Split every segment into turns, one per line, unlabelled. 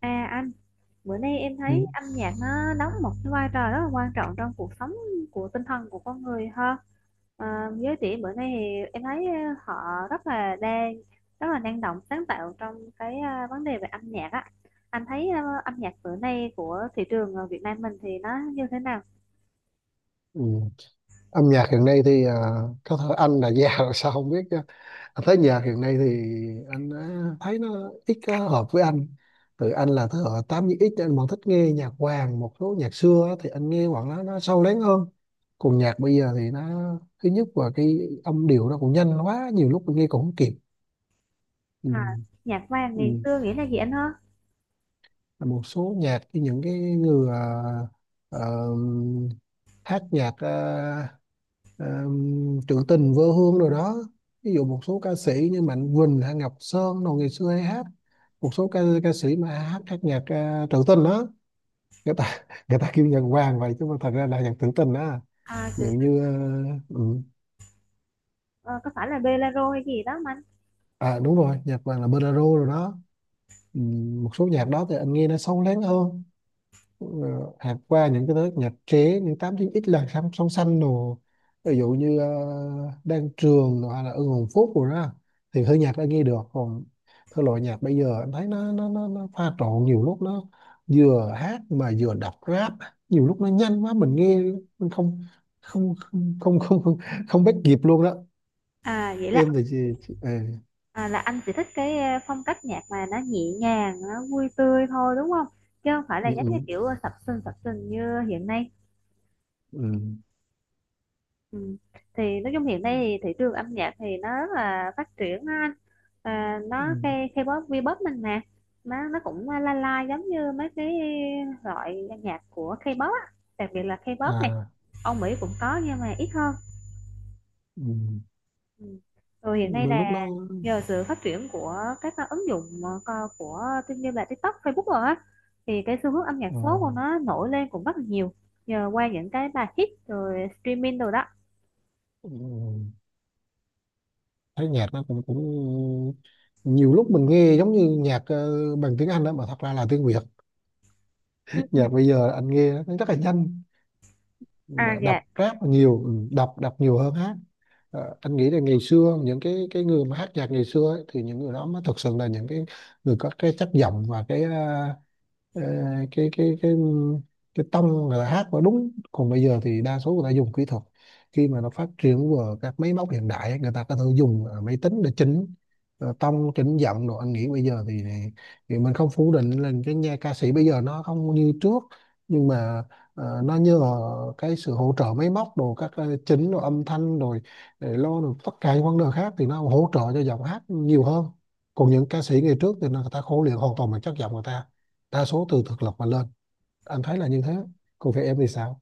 À anh, bữa nay em thấy
Ừ.
âm nhạc nó đóng một cái vai trò rất là quan trọng trong cuộc sống của tinh thần của con người ha. Giới trẻ bữa nay thì em thấy họ rất là đang rất là năng động sáng tạo trong cái vấn đề về âm nhạc á. Anh thấy âm nhạc bữa nay của thị trường Việt Nam mình thì nó như thế nào?
Ừ. Âm nhạc hiện nay thì có thể anh là già rồi sao không biết chứ anh thấy nhạc hiện nay thì anh á, thấy nó ít có hợp với anh. Từ anh là thế hệ 8X, anh vẫn thích nghe nhạc vàng, một số nhạc xưa á, thì anh nghe khoảng nó sâu lắng hơn. Còn nhạc bây giờ thì nó thứ nhất là cái âm điệu nó cũng nhanh quá, nhiều lúc mình nghe cũng không kịp. Ừ.
À, nhạc vàng ngày
Ừ.
xưa nghĩa là gì anh ha?
Một số nhạc, những cái người ờ, hát nhạc ờ, trữ tình vô hương rồi đó. Ví dụ một số ca sĩ như Mạnh Quỳnh hay Ngọc Sơn đồ ngày xưa hay hát, một số ca ca sĩ mà hát hát nhạc trữ tình đó, người ta người ta kêu nhạc vàng vậy chứ mà thật ra là nhạc trữ tình đó.
À,
Ví dụ
từ,
như ừ.
ờ, có phải là bolero hay gì đó mà anh?
À đúng rồi, nhạc vàng là bolero rồi đó. Ừ. Một số nhạc đó thì anh nghe nó sâu lắng hơn. ờ, Hạt qua những cái thứ nhật chế những 89X là song song xanh đồ, ví dụ như Đan Trường rồi hay là Ưng Hồn Phúc rồi đó, thì hơi nhạc đã nghe được. Còn thể loại nhạc bây giờ em thấy nó pha trộn, nhiều lúc nó vừa hát mà vừa đọc rap, nhiều lúc nó nhanh quá mình nghe, mình không không không không không không, không bắt kịp luôn đó.
À vậy là
Em thì chị
À, là anh chỉ thích cái phong cách nhạc mà nó nhẹ nhàng, nó vui tươi thôi đúng không? Chứ không phải là giống như
ừ,
kiểu sập sình như hiện nay.
ừ,
Ừ. Thì nói chung hiện nay
ừ,
thì thị trường âm nhạc thì nó rất là phát triển á anh. À,
ừ,
nó cái K-pop, V-pop mình nè, nó cũng la la giống như mấy cái loại nhạc của K-pop á, đặc biệt là K-pop nè.
à
Âu Mỹ cũng có nhưng mà ít hơn.
ừ.
Ừ. Ừ, hiện nay
Đôi
là
lúc nó
nhờ sự phát triển của các ứng dụng của tin như là TikTok, Facebook rồi á, thì cái xu hướng âm nhạc số
à,
của nó nổi lên cũng rất là nhiều nhờ qua những cái bài hit rồi streaming rồi đó.
ừ. Ừ. Thấy nhạc nó cũng cũng nhiều lúc mình nghe giống như nhạc bằng tiếng Anh đó mà thật ra là tiếng Việt.
Ừ, ừ.
Nhạc bây giờ anh nghe nó rất là nhanh,
À
mà
dạ.
đọc rap là nhiều, ừ, đọc đọc nhiều hơn hát. Ờ, anh nghĩ là ngày xưa những cái người mà hát nhạc ngày xưa ấy, thì những người đó mới thực sự là những cái người có cái chất giọng và cái ờ, Ờ, cái cái cái cái tông, người ta hát nó đúng. Còn bây giờ thì đa số người ta dùng kỹ thuật, khi mà nó phát triển vào các máy móc hiện đại ấy, người ta có thể dùng máy tính để chỉnh tông chỉnh giọng rồi. Anh nghĩ bây giờ thì mình không phủ định là cái nhà ca sĩ bây giờ nó không như trước, nhưng mà nó nhờ cái sự hỗ trợ máy móc đồ, các chỉnh đồ âm thanh rồi, để lo được tất cả những vấn đề khác thì nó hỗ trợ cho giọng hát nhiều hơn. Còn những ca sĩ ngày trước thì người ta khổ luyện hoàn toàn bằng chất giọng người ta, đa số từ thực lực mà lên. Anh thấy là như thế. Còn về em thì sao?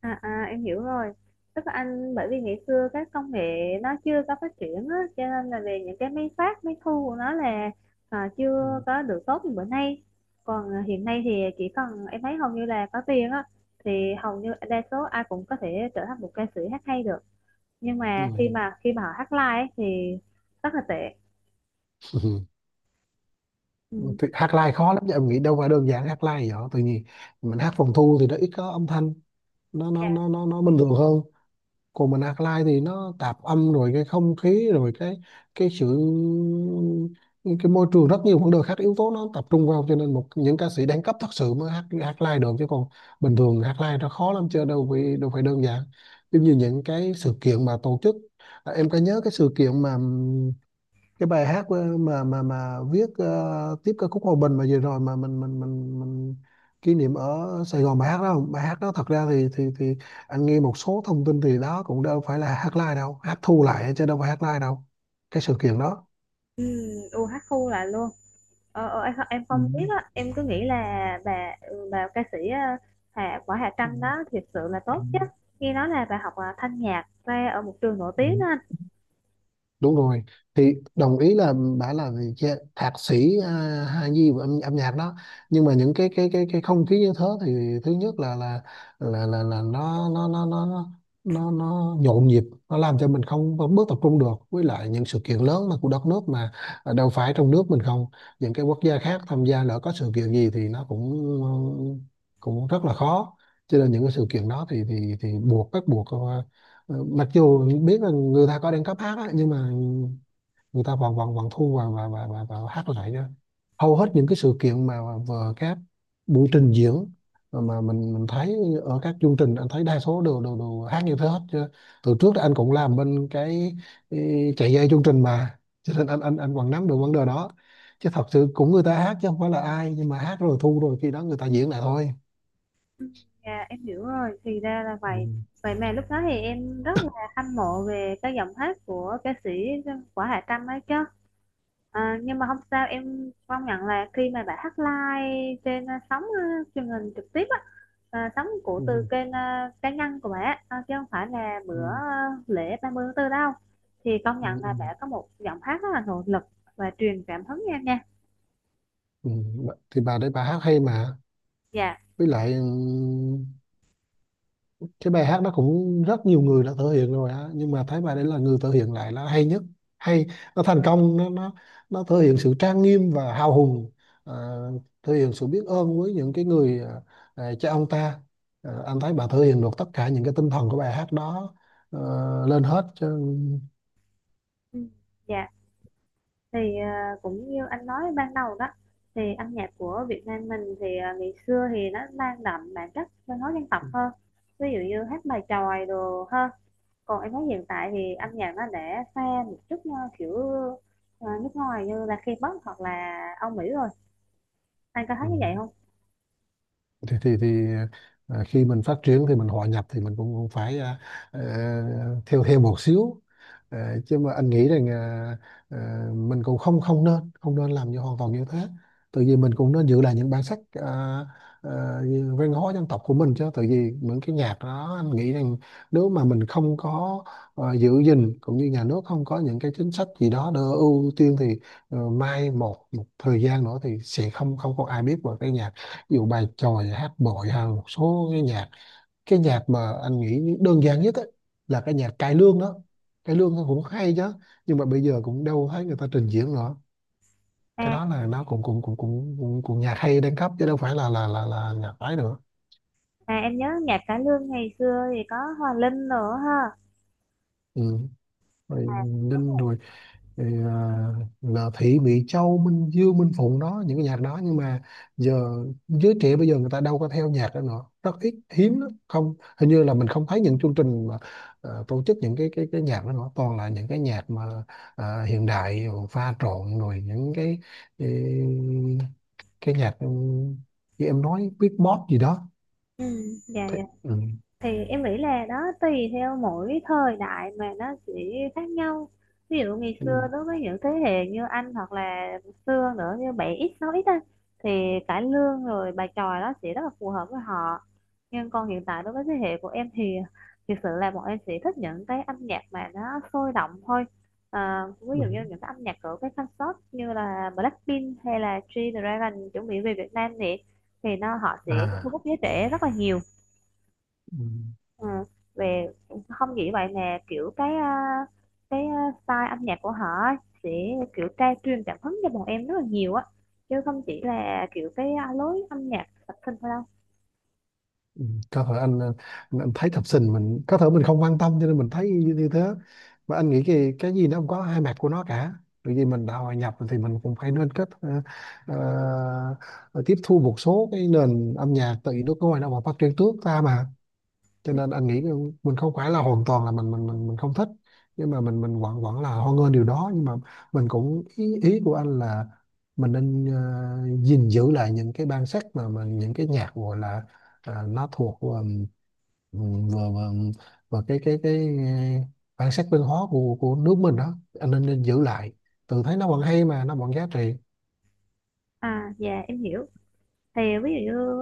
À, em hiểu rồi, tức là anh bởi vì ngày xưa các công nghệ nó chưa có phát triển á, cho nên là về những cái máy phát máy thu của nó là à, chưa
Ừ.
có được tốt như bữa nay. Còn à, hiện nay thì chỉ cần em thấy hầu như là có tiền á thì hầu như đa số ai cũng có thể trở thành một ca sĩ hát hay được, nhưng mà khi
Ừ.
mà khi mà họ hát live ấy, thì rất là tệ.
Ừ.
Ừ.
Thì hát live khó lắm chứ, em nghĩ đâu phải đơn giản. Hát live vậy, tự nhiên mình hát phòng thu thì nó ít có âm thanh, nó
Dạ.
nó nó nó, nó bình thường hơn. Còn mình alkaline thì nó tạp âm rồi, cái không khí rồi, cái sự cái môi trường, rất nhiều vấn đề khác, yếu tố nó tập trung vào, cho nên một những ca sĩ đẳng cấp thật sự mới hát hát live được. Chứ còn bình thường hát live nó khó lắm chứ, đâu phải đơn giản. Giống như những cái sự kiện mà tổ chức, à, em có nhớ cái sự kiện mà cái bài hát mà viết tiếp ca khúc Hòa Bình mà vừa rồi mà mình kỷ niệm ở Sài Gòn, bài hát đó, bài hát đó thật ra thì anh nghe một số thông tin thì đó cũng đâu phải là hát live đâu, hát thu lại chứ đâu phải hát live đâu, cái sự kiện đó.
Ừ, u hát khu lại luôn. Ờ, em, em
Ừ.
không biết á, em cứ nghĩ là bà ca sĩ ờ, Hà Quả Hà
Ừ.
Trâm đó thiệt sự là
Ừ.
tốt chứ. Nghe nói là bà học thanh nhạc ra ở một trường nổi
Ừ.
tiếng đó anh.
Đúng rồi, thì đồng ý là bà là vị thạc sĩ Hà Nhi về âm nhạc đó. Nhưng mà những cái không khí như thế thì thứ nhất là là nó nhộn nhịp, nó làm cho mình không không bước tập trung được. Với lại những sự kiện lớn mà của đất nước mà, à, đâu phải trong nước mình không, những cái quốc gia khác tham gia, lỡ có sự kiện gì thì nó cũng cũng rất là khó, cho nên những cái sự kiện đó thì buộc bắt buộc ờ, mặc dù biết là người ta có đang cấp hát á, nhưng mà người ta vẫn vẫn vẫn thu và hát lại đó. Hầu hết những cái sự kiện mà vừa các buổi trình diễn mà mình thấy ở các chương trình, anh thấy đa số đều đều, đều hát như thế hết chứ. Từ trước thì anh cũng làm bên cái chạy dây chương trình mà, cho nên anh vẫn nắm được vấn đề đó. Chứ thật sự cũng người ta hát chứ không phải là ai, nhưng mà hát rồi thu rồi khi đó người ta diễn lại thôi.
Dạ, em hiểu rồi, thì ra là
Ừ.
vậy. Vậy mà lúc đó thì em rất là hâm mộ về cái giọng hát của ca sĩ Quả Hà Trâm ấy chứ. À, nhưng mà không sao, em công nhận là khi mà bà hát live trên sóng truyền hình trực tiếp á, ờ, sống của từ
Ừ.
kênh cá nhân của mẹ chứ không phải là bữa
Ừ.
lễ 30 tháng 4 đâu, thì công
Ừ.
nhận
Ừ.
là mẹ có một giọng hát rất là nội lực và truyền cảm hứng em nha.
Ừ. Thì bà đấy bà hát hay mà,
Dạ.
với lại cái bài hát đó cũng rất nhiều người đã thể hiện rồi á, nhưng mà thấy bài đấy là người thể hiện lại là hay nhất, hay, nó thành công, nó nó thể hiện sự trang nghiêm và hào hùng, à, thể hiện sự biết ơn với những cái người à, à, cha ông ta. À, anh thấy bà thể hiện được tất cả những cái tinh thần của bài hát đó lên hết chứ.
Ừ, dạ. Thì cũng như anh nói ban đầu đó, thì âm nhạc của Việt Nam mình thì ờ, ngày xưa thì nó mang đậm bản chất văn hóa dân tộc hơn, ví dụ như hát bài chòi đồ hơn. Còn em thấy hiện tại thì âm nhạc nó đã pha một chút kiểu nước ngoài như là K-pop hoặc là Âu Mỹ rồi, anh có thấy
Ừ.
như vậy không?
thì à, khi mình phát triển thì mình hòa nhập thì mình cũng cũng phải ờ, theo theo một xíu. Ờ, chứ mà anh nghĩ rằng ờ, mình cũng không không nên không nên làm như hoàn toàn như thế, tự vì mình cũng nên giữ lại những bản sắc, như văn hóa dân tộc của mình chứ. Tự vì những cái nhạc đó anh nghĩ rằng nếu mà mình không có giữ gìn, cũng như nhà nước không có những cái chính sách gì đó để ưu tiên, thì ờ, mai một một thời gian nữa thì sẽ không không có ai biết về cái nhạc. Ví dụ bài chòi, hát bội, hay một số cái nhạc, cái nhạc mà anh nghĩ đơn giản nhất á, là cái nhạc cải lương đó. Cải lương nó cũng hay chứ, nhưng mà bây giờ cũng đâu thấy người ta trình diễn nữa. Cái
À,
đó là nó cũng cũng cũng cũng cũng, cũng nhạc hay đang cấp chứ đâu phải là là nhạc ấy nữa.
à, em nhớ nhạc cải lương ngày xưa thì có Hòa Linh nữa ha.
Ừ. Rồi,
À, đúng
Ninh
rồi.
rồi. Thì, à, là Thị Mỹ Châu, Minh Dương, Minh Phụng đó, những cái nhạc đó. Nhưng mà giờ giới trẻ bây giờ người ta đâu có theo nhạc đó nữa, rất ít, hiếm lắm, không hình như là mình không thấy những chương trình mà tổ chức những cái nhạc đó nữa, toàn là những cái nhạc mà hiện đại pha trộn, rồi những cái, cái nhạc ừ, như em nói beatbox gì đó.
Ừ, dạ dạ.
Ừ,
Thì em nghĩ là đó, tùy theo mỗi thời đại mà nó sẽ khác nhau. Ví dụ ngày
ừ,
xưa đối với những thế hệ như anh hoặc là xưa nữa như bảy x sáu x á, thì cải lương rồi bài chòi đó sẽ rất là phù hợp với họ. Nhưng còn hiện tại đối với thế hệ của em thì thực sự là bọn em sẽ thích những cái âm nhạc mà nó sôi động thôi, ví
ừ.
dụ như những cái âm nhạc của cái concert như là Blackpink hay là G-Dragon chuẩn bị về Việt Nam, thì nó họ sẽ thu
À
hút giới trẻ rất là nhiều.
ừ.
Ừ. Về không chỉ vậy nè, kiểu cái cái à, style âm nhạc của họ á, sẽ kiểu tra truyền cảm hứng cho bọn em rất là nhiều á, chứ không chỉ là kiểu cái lối âm nhạc sập sinh thôi đâu.
Ừ, có thể anh thấy thập sinh mình có thể mình không quan tâm cho nên mình thấy như thế. Mà anh nghĩ cái gì nó cũng có hai mặt của nó cả, bởi vì mình đã hòa nhập thì mình cũng phải nên kết ờ, tiếp thu một số cái nền âm nhạc, tại vì nước ngoài nó mà phát triển trước ta mà. Cho nên anh nghĩ mình không phải là hoàn toàn là mình không thích, nhưng mà mình vẫn vẫn là hoan nghênh điều đó. Nhưng mà mình cũng ý của anh là mình nên ờ, gìn giữ lại những cái bản sắc mà mình, những cái nhạc gọi là nó thuộc vừa vừa vừa cái ờ, bản sắc văn hóa của nước mình đó, anh nên giữ lại, tự thấy nó vẫn hay mà nó vẫn giá trị.
À dạ em hiểu. Thì ví dụ như,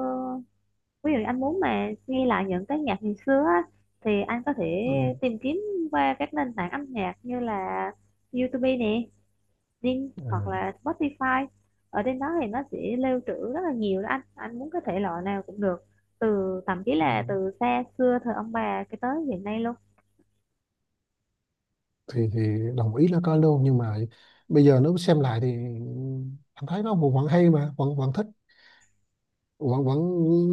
ví dụ anh muốn mà nghe lại những cái nhạc ngày xưa á, thì anh có thể
Ừ.
tìm kiếm qua các nền tảng âm nhạc như là YouTube nè, Zing hoặc
Ừ.
là Spotify. Ở trên đó thì nó sẽ lưu trữ rất là nhiều đó anh muốn cái thể loại nào cũng được, từ thậm chí
Ừ.
là từ xa xưa thời ông bà cái tới hiện nay luôn.
Thì đồng ý là có luôn, nhưng mà bây giờ nếu xem lại thì anh thấy nó vẫn vẫn hay mà vẫn vẫn thích, vẫn vẫn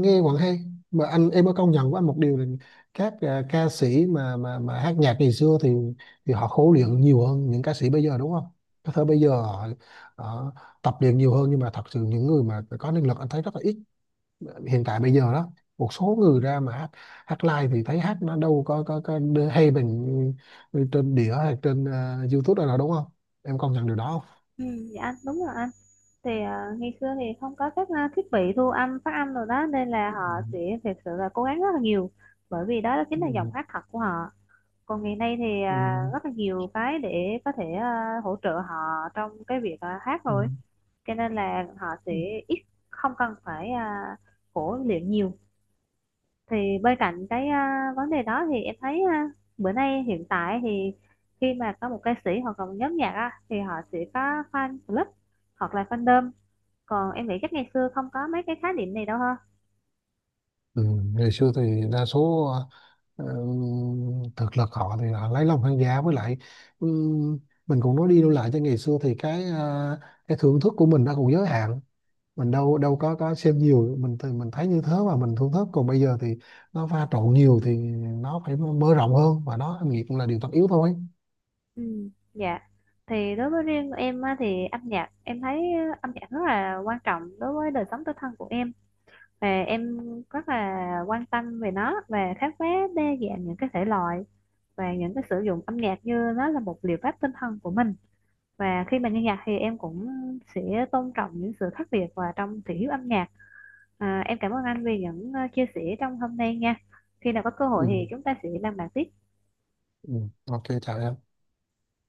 nghe vẫn hay. Mà anh, em có công nhận với anh một điều là các à, ca sĩ mà mà hát nhạc ngày xưa thì họ khổ luyện nhiều hơn những ca sĩ bây giờ đúng không? Có thể bây giờ họ tập luyện nhiều hơn, nhưng mà thật sự những người mà có năng lực anh thấy rất là ít hiện tại bây giờ đó. Một số người ra mà hát live thì thấy hát nó đâu có hay bằng trên đĩa hay trên YouTube đâu, đúng không? Em công nhận điều đó
Ừ, dạ anh đúng rồi anh. Thì à, ngày xưa thì không có các thiết bị thu âm phát âm rồi đó, nên là họ sẽ
không.
thực sự là cố gắng rất là nhiều, bởi vì đó chính
Ừ.
là giọng
Ừ.
hát thật của họ. Còn ngày nay thì
Ừ.
à, rất là nhiều cái để có thể hỗ trợ họ trong cái việc hát rồi, cho nên là họ sẽ
Ừ.
ít, không cần phải khổ luyện nhiều. Thì bên cạnh cái vấn đề đó thì em thấy à, bữa nay hiện tại thì khi mà có một ca sĩ hoặc là một nhóm nhạc á, thì họ sẽ có fan club hoặc là fandom. Còn em nghĩ chắc ngày xưa không có mấy cái khái niệm này đâu ha.
Ừ. Ngày xưa thì đa số ờ, thực lực họ thì họ lấy lòng khán giả. Với lại ừ, mình cũng nói đi nói lại, cho ngày xưa thì cái cái thưởng thức của mình nó cũng giới hạn, mình đâu đâu có xem nhiều, mình thì mình thấy như thế và mình thưởng thức. Còn bây giờ thì nó pha trộn nhiều thì nó phải mở rộng hơn và nó nghiệp cũng là điều tất yếu thôi.
Ừ dạ. Thì đối với riêng em á, thì âm nhạc em thấy âm nhạc rất là quan trọng đối với đời sống tinh thần của em, và em rất là quan tâm về nó và khám phá đa dạng những cái thể loại, và những cái sử dụng âm nhạc như nó là một liệu pháp tinh thần của mình. Và khi mình nghe nhạc thì em cũng sẽ tôn trọng những sự khác biệt và trong thị hiếu âm nhạc. À, em cảm ơn anh vì những chia sẻ trong hôm nay nha, khi nào có cơ hội
Ừ.
thì chúng ta sẽ làm bạn tiếp.
Ừ. OK, chào em.